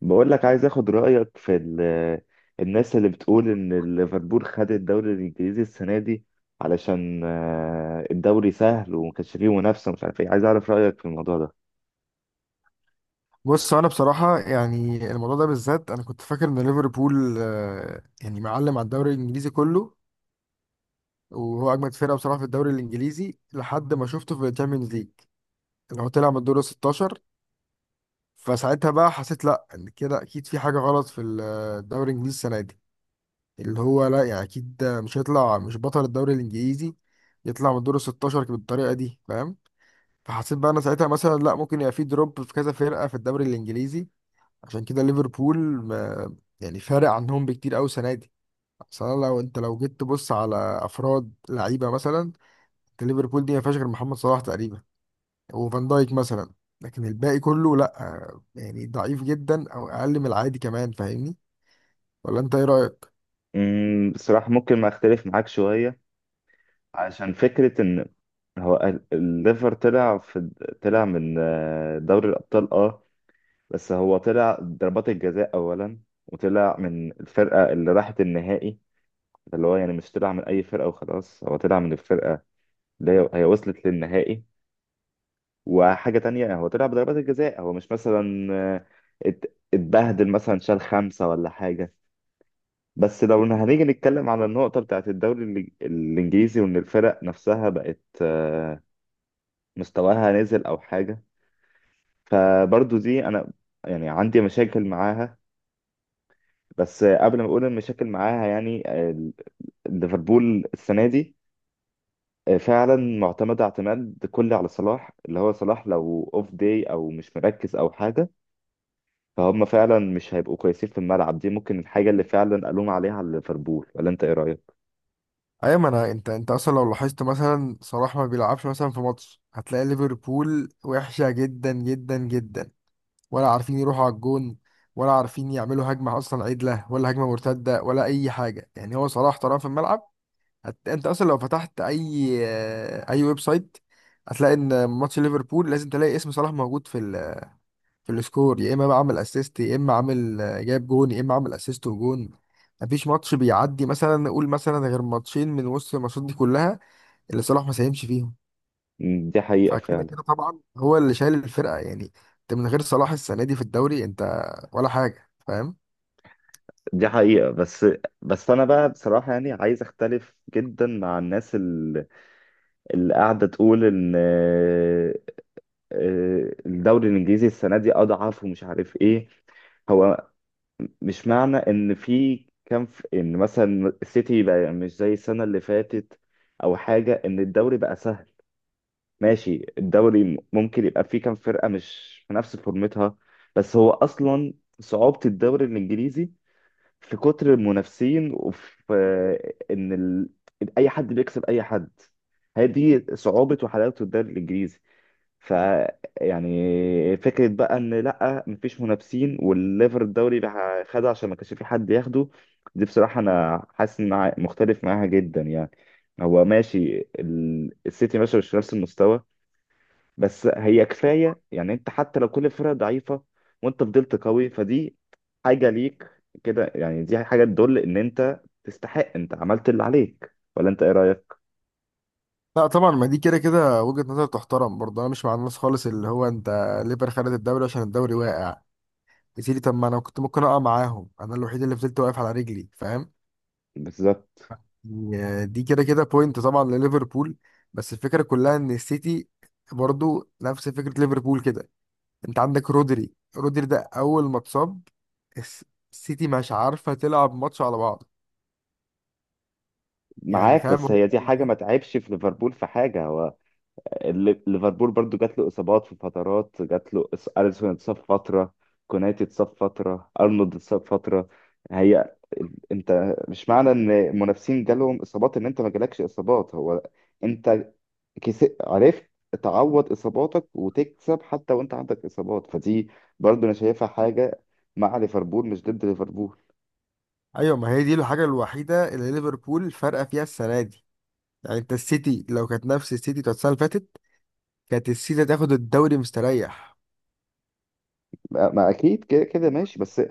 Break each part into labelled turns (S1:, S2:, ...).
S1: بقول لك عايز اخد رأيك في الناس اللي بتقول ان ليفربول خد الدوري الانجليزي السنة دي علشان الدوري سهل وما كانش فيه منافسة، مش عارف ايه. عايز اعرف رأيك في الموضوع ده.
S2: بص انا بصراحه يعني الموضوع ده بالذات انا كنت فاكر ان ليفربول يعني معلم على الدوري الانجليزي كله، وهو اجمد فرقه بصراحه في الدوري الانجليزي لحد ما شفته في الشامبيونز ليج اللي هو طلع من الدور ال 16. فساعتها بقى حسيت لا إن كده اكيد في حاجه غلط في الدوري الانجليزي السنه دي، اللي هو لا يعني اكيد ده مش هيطلع مش بطل الدوري الانجليزي، يطلع من الدور ال 16 بالطريقه دي فاهم؟ فحسيت بقى انا ساعتها مثلا لا، ممكن يبقى في دروب في كذا فرقه في الدوري الانجليزي، عشان كده ليفربول ما يعني فارق عنهم بكتير قوي السنه دي. اصل أنا لو انت لو جيت تبص على افراد لعيبه مثلا، انت ليفربول دي ما فيهاش غير محمد صلاح تقريبا وفان دايك مثلا، لكن الباقي كله لا، يعني ضعيف جدا او اقل من العادي كمان فاهمني؟ ولا انت ايه رايك؟
S1: بصراحة ممكن ما اختلف معاك شوية، عشان فكرة ان هو الليفر طلع من دوري الأبطال، اه. بس هو طلع ضربات الجزاء اولا، وطلع من الفرقة اللي راحت النهائي. اللي هو يعني مش طلع من اي فرقة وخلاص، هو طلع من الفرقة اللي هي وصلت للنهائي. وحاجة تانية، هو طلع بضربات الجزاء، هو مش مثلا اتبهدل مثلا، شال خمسة ولا حاجة. بس لو إن هنيجي نتكلم على النقطة بتاعت الدوري الإنجليزي، وإن الفرق نفسها بقت مستواها نزل أو حاجة، فبرضو دي أنا يعني عندي مشاكل معاها. بس قبل ما أقول المشاكل معاها يعني، ليفربول السنة دي فعلا معتمدة اعتماد كلي على صلاح، اللي هو صلاح لو اوف داي او مش مركز او حاجة فهم فعلا مش هيبقوا كويسين في الملعب. دي ممكن الحاجة اللي فعلا ألوم عليها على ليفربول. ولا أنت إيه رأيك؟
S2: ايوه، ما انا انت اصلا لو لاحظت مثلا صلاح ما بيلعبش مثلا في ماتش، هتلاقي ليفربول وحشه جدا جدا جدا، ولا عارفين يروحوا على الجون ولا عارفين يعملوا هجمة أصلا عدلة ولا هجمة مرتدة ولا أي حاجة، يعني هو صلاح طالما في الملعب. أنت أصلا لو فتحت أي ويب سايت هتلاقي إن ماتش ليفربول لازم تلاقي اسم صلاح موجود في السكور، يا إما بقى عامل أسيست، يا إما عامل جاب جون، يا إما عامل أسيست وجون. مفيش ماتش بيعدي مثلا، نقول مثلا غير ماتشين من وسط الماتشات دي كلها اللي صلاح ما ساهمش فيهم.
S1: دي حقيقة
S2: فكده
S1: فعلا.
S2: كده طبعا هو اللي شايل الفرقه يعني، انت من غير صلاح السنه دي في الدوري انت ولا حاجه فاهم؟
S1: دي حقيقة، بس. بس أنا بقى بصراحة يعني عايز أختلف جدا مع الناس اللي قاعدة تقول إن الدوري الإنجليزي السنة دي أضعف ومش عارف إيه. هو مش معنى ان في كان في ان مثلا السيتي بقى مش زي السنه اللي فاتت، او حاجه، ان الدوري بقى سهل. ماشي، الدوري ممكن يبقى فيه كام فرقة مش في نفس فورمتها. بس هو أصلا صعوبة الدوري الإنجليزي في كتر المنافسين، وفي إن ال... إن أي حد بيكسب أي حد. هذه صعوبة وحلاوة الدوري الإنجليزي. ف يعني فكرة بقى إن لأ مفيش منافسين والليفر الدوري بقى خده عشان ما كانش في حد ياخده، دي بصراحة أنا حاسس إن مختلف معاها جدا يعني. هو ماشي، السيتي ماشي مش في نفس المستوى. بس هي كفايه يعني. انت حتى لو كل الفرق ضعيفه وانت فضلت قوي، فدي حاجه ليك كده يعني. دي حاجه تدل ان انت تستحق، انت عملت اللي عليك. ولا انت ايه رايك؟
S2: لا طبعا، ما دي كده كده وجهه نظر تحترم برضه، انا مش مع الناس خالص اللي هو انت ليفر خدت الدوري عشان الدوري واقع. يا سيدي، طب ما انا كنت ممكن اقع معاهم، انا الوحيد اللي فضلت واقف على رجلي فاهم؟
S1: بالظبط.
S2: يعني دي كده كده بوينت طبعا لليفربول. بس الفكره كلها ان السيتي برضه نفس فكره ليفربول كده، انت عندك رودري. رودري ده اول ما اتصاب الس- السيتي مش عارفه تلعب ماتش على بعض، يعني
S1: معاك،
S2: فاهم؟
S1: بس
S2: هو
S1: هي دي حاجه
S2: الوحيد.
S1: ما تعبش في ليفربول في حاجه. هو ليفربول برضو جات له اصابات في فترات، جات له اليسون اتصاب فتره، كوناتي اتصاب فتره، ارنولد اتصاب فتره. هي انت مش معنى ان المنافسين جالهم اصابات ان انت ما جالكش اصابات. هو انت عرفت تعوض اصاباتك وتكسب حتى وانت عندك اصابات. فدي برضو انا شايفها حاجه مع ليفربول مش ضد ليفربول.
S2: ايوه، ما هي دي الحاجه الوحيده اللي ليفربول فارقه فيها السنه دي، يعني انت السيتي لو كانت نفس السيتي بتاعت السنه اللي فاتت كانت السيتي تاخد الدوري مستريح.
S1: ما اكيد كده كده ماشي. بس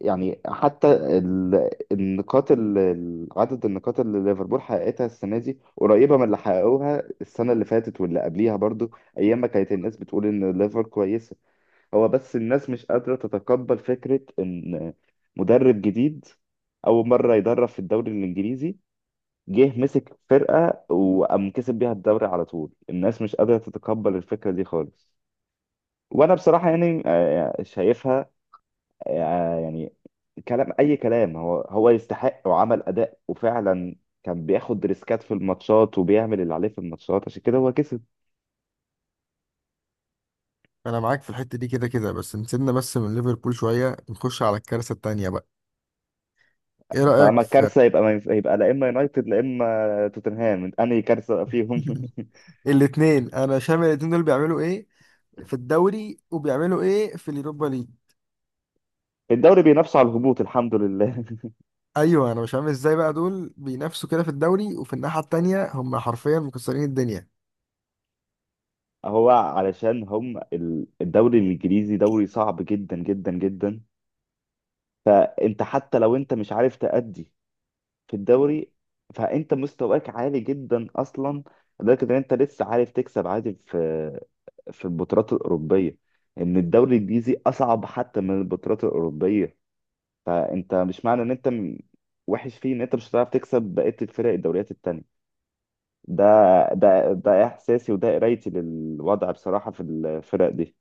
S1: يعني حتى النقاط عدد النقاط اللي ليفربول حققتها السنه دي قريبه من اللي حققوها السنه اللي فاتت واللي قبليها برضو، ايام ما كانت الناس بتقول ان ليفر كويسه. هو بس الناس مش قادره تتقبل فكره ان مدرب جديد، اول مره يدرب في الدوري الانجليزي، جه مسك فرقة وقام كسب بيها الدوري على طول. الناس مش قادرة تتقبل الفكرة دي خالص. وانا بصراحة يعني شايفها يعني كلام اي كلام، هو يستحق وعمل اداء. وفعلا كان بياخد ريسكات في الماتشات وبيعمل اللي عليه في الماتشات، عشان كده هو كسب.
S2: انا معاك في الحته دي كده كده، بس نسيبنا بس من ليفربول شويه نخش على الكارثه التانيه بقى. ايه
S1: طالما
S2: رايك في
S1: الكارثة، يبقى ما ينف- يبقى لا اما يونايتد لا اما توتنهام، انهي كارثة فيهم؟
S2: الاتنين؟ انا شامل الاتنين دول، بيعملوا ايه في الدوري وبيعملوا ايه في اليوروبا ليج؟
S1: الدوري بينافسوا على الهبوط، الحمد لله.
S2: ايوه، انا مش فاهم ازاي بقى دول بينافسوا كده في الدوري، وفي الناحيه التانيه هم حرفيا مكسرين الدنيا.
S1: هو علشان هم الدوري الانجليزي دوري صعب جدا جدا جدا. انت حتى لو انت مش عارف تأدي في الدوري، فانت مستواك عالي جدا اصلا لدرجه ان انت لسه عارف تكسب عادي في البطولات الاوروبيه. ان الدوري الانجليزي اصعب حتى من البطولات الاوروبيه. فانت مش معنى ان انت وحش فيه ان انت مش هتعرف تكسب بقيه الفرق، الدوريات التانيه. ده ده احساسي، وده قرايتي للوضع بصراحه في الفرق دي.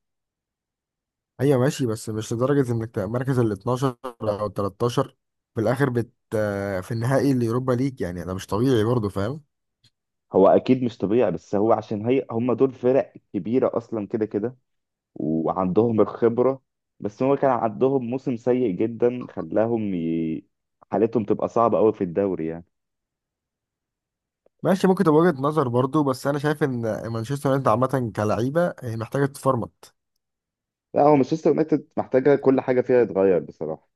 S2: ايوه ماشي، بس مش لدرجة انك تبقى مركز ال 12 او ال 13 في الاخر بت آه، في النهائي اليوروبا ليج، يعني ده مش طبيعي برضه فاهم؟
S1: هو اكيد مش طبيعي. بس هو عشان هم دول فرق كبيره اصلا كده كده، وعندهم الخبرة. بس هو كان عندهم موسم سيء جدا خلاهم حالتهم تبقى صعبة قوي في الدوري يعني.
S2: ماشي، ممكن تبقى وجهة نظر برضه، بس انا شايف ان مانشستر يونايتد عامة كلعيبة هي محتاجة تتفرمط.
S1: لا هو مانشستر يونايتد محتاجة كل حاجة فيها يتغير بصراحة.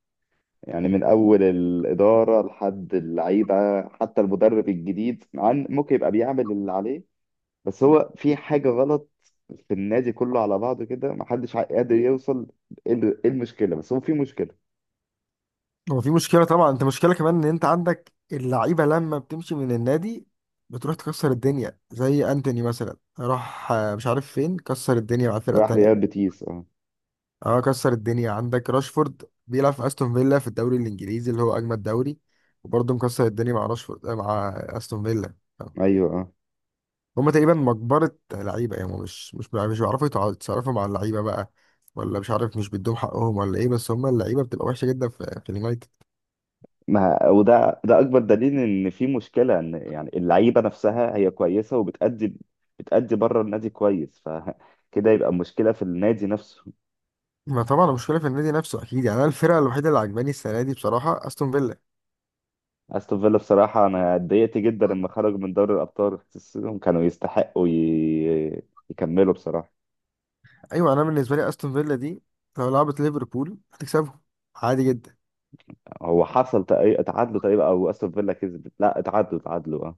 S1: يعني من أول الإدارة لحد اللعيبة، حتى المدرب الجديد عن ممكن يبقى بيعمل اللي عليه. بس هو في حاجة غلط في النادي كله على بعضه كده، محدش قادر يوصل إيه إيه المشكلة، بس هو في مشكلة.
S2: هو في مشكلة طبعا، انت مشكلة كمان ان انت عندك اللعيبة لما بتمشي من النادي بتروح تكسر الدنيا، زي انتوني مثلا راح مش عارف فين كسر الدنيا مع الفرقة
S1: راح ريال
S2: التانية.
S1: بيتيس، اه.
S2: اه، كسر الدنيا، عندك راشفورد بيلعب في استون فيلا في الدوري الانجليزي اللي هو اجمد دوري، وبرضه مكسر الدنيا مع راشفورد مع استون فيلا. آه.
S1: ايوه، اه.
S2: هما تقريبا مجبرة لعيبة، يعني هما مش بيعرفوا يتصرفوا مع اللعيبة بقى، ولا مش عارف مش بيدوهم حقهم ولا ايه، بس هما اللعيبة بتبقى وحشة جدا في اليونايتد.
S1: ما وده اكبر دليل ان في مشكله، ان يعني اللعيبه نفسها هي كويسه وبتأدي، بتأدي بره النادي كويس، فكده يبقى مشكله في النادي نفسه.
S2: ما طبعا المشكلة في النادي نفسه اكيد، يعني انا الفرقة الوحيدة اللي عجباني السنة دي بصراحة استون فيلا.
S1: استون فيلا بصراحه انا اتضايقت جدا لما خرجوا من دوري الابطال، حسيتهم كانوا يستحقوا يكملوا بصراحه.
S2: ايوه، انا بالنسبة لي استون فيلا دي لو لعبت ليفربول هتكسبهم عادي جدا.
S1: هو حصل تعادلوا تقريبا، او استون فيلا كسبت، لا اتعادلوا اتعادلوا، اه.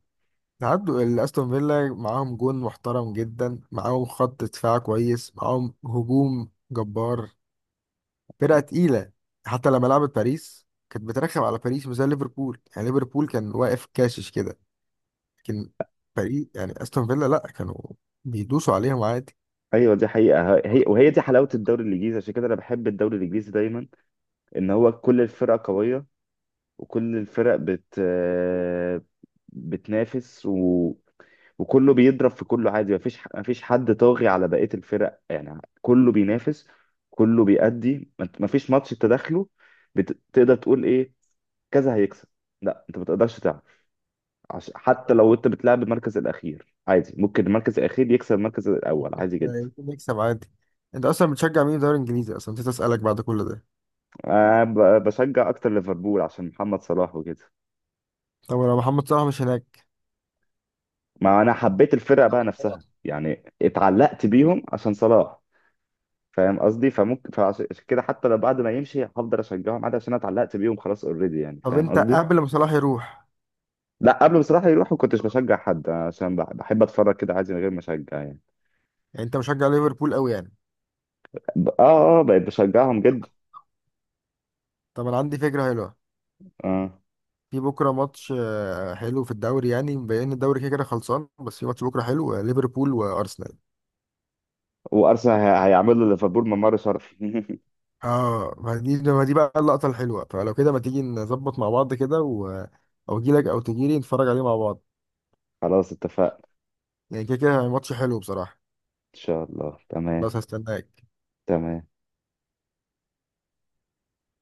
S2: عدوا الاستون فيلا، معاهم جون محترم جدا، معاهم خط دفاع كويس، معاهم هجوم جبار، فرقة تقيلة. حتى لما لعبت باريس كانت بترخم على باريس مش زي ليفربول، يعني ليفربول كان واقف كاشش كده، لكن باريس، يعني استون فيلا لا، كانوا بيدوسوا عليهم عادي.
S1: ايوه، دي حقيقه. وهي دي حلاوه الدوري الانجليزي. عشان كده انا بحب الدوري الانجليزي دايما، ان هو كل الفرق قويه، وكل الفرق بت آه، بتنافس وكله بيضرب في كله عادي، مفيش حد طاغي على بقية الفرق، يعني كله بينافس، كله بيأدي. مفيش ماتش تدخله بتقدر تقول ايه، كذا هيكسب. لا، انت ما تقدرش تعرف. حتى لو انت بتلعب المركز الاخير عادي، ممكن المركز الاخير يكسب المركز الاول
S2: ممكن
S1: عادي جدا.
S2: يمكن نكسب عادي. انت اصلا بتشجع مين في الدوري الانجليزي اصلا؟ نسيت اسالك بعد كل ده.
S1: أنا بشجع اكتر ليفربول عشان محمد صلاح وكده.
S2: طب لو محمد صلاح مش هناك؟
S1: ما انا حبيت الفرقة بقى نفسها يعني، اتعلقت بيهم عشان صلاح، فاهم قصدي؟ فممكن فعشان كده حتى لو بعد ما يمشي هفضل اشجعهم عادي عشان انا اتعلقت بيهم خلاص اوريدي يعني،
S2: طب
S1: فاهم
S2: انت
S1: قصدي.
S2: قبل ما صلاح يروح؟
S1: لا قبل بصراحه يروحوا كنتش بشجع حد، عشان بحب اتفرج كده عادي من غير ما اشجع يعني.
S2: يعني انت مشجع ليفربول قوي يعني؟
S1: اه، اه، بقيت بشجعهم جدا.
S2: طب انا عندي فكرة حلوة.
S1: اه،
S2: في بكره ماتش حلو في الدوري، يعني مبين إن الدوري كده كده خلصان، بس في ماتش بكره حلو ليفربول وارسنال.
S1: وارسنال هيعملوا ليفربول ممر شرفي.
S2: اه، ما دي بقى اللقطه الحلوه، فلو كده ما تيجي نظبط مع بعض كده او اجي لك او تجي لي نتفرج عليه مع بعض.
S1: خلاص اتفقنا.
S2: يعني كده كده ماتش حلو بصراحه،
S1: ان شاء الله. تمام،
S2: بس هستناك.
S1: تمام.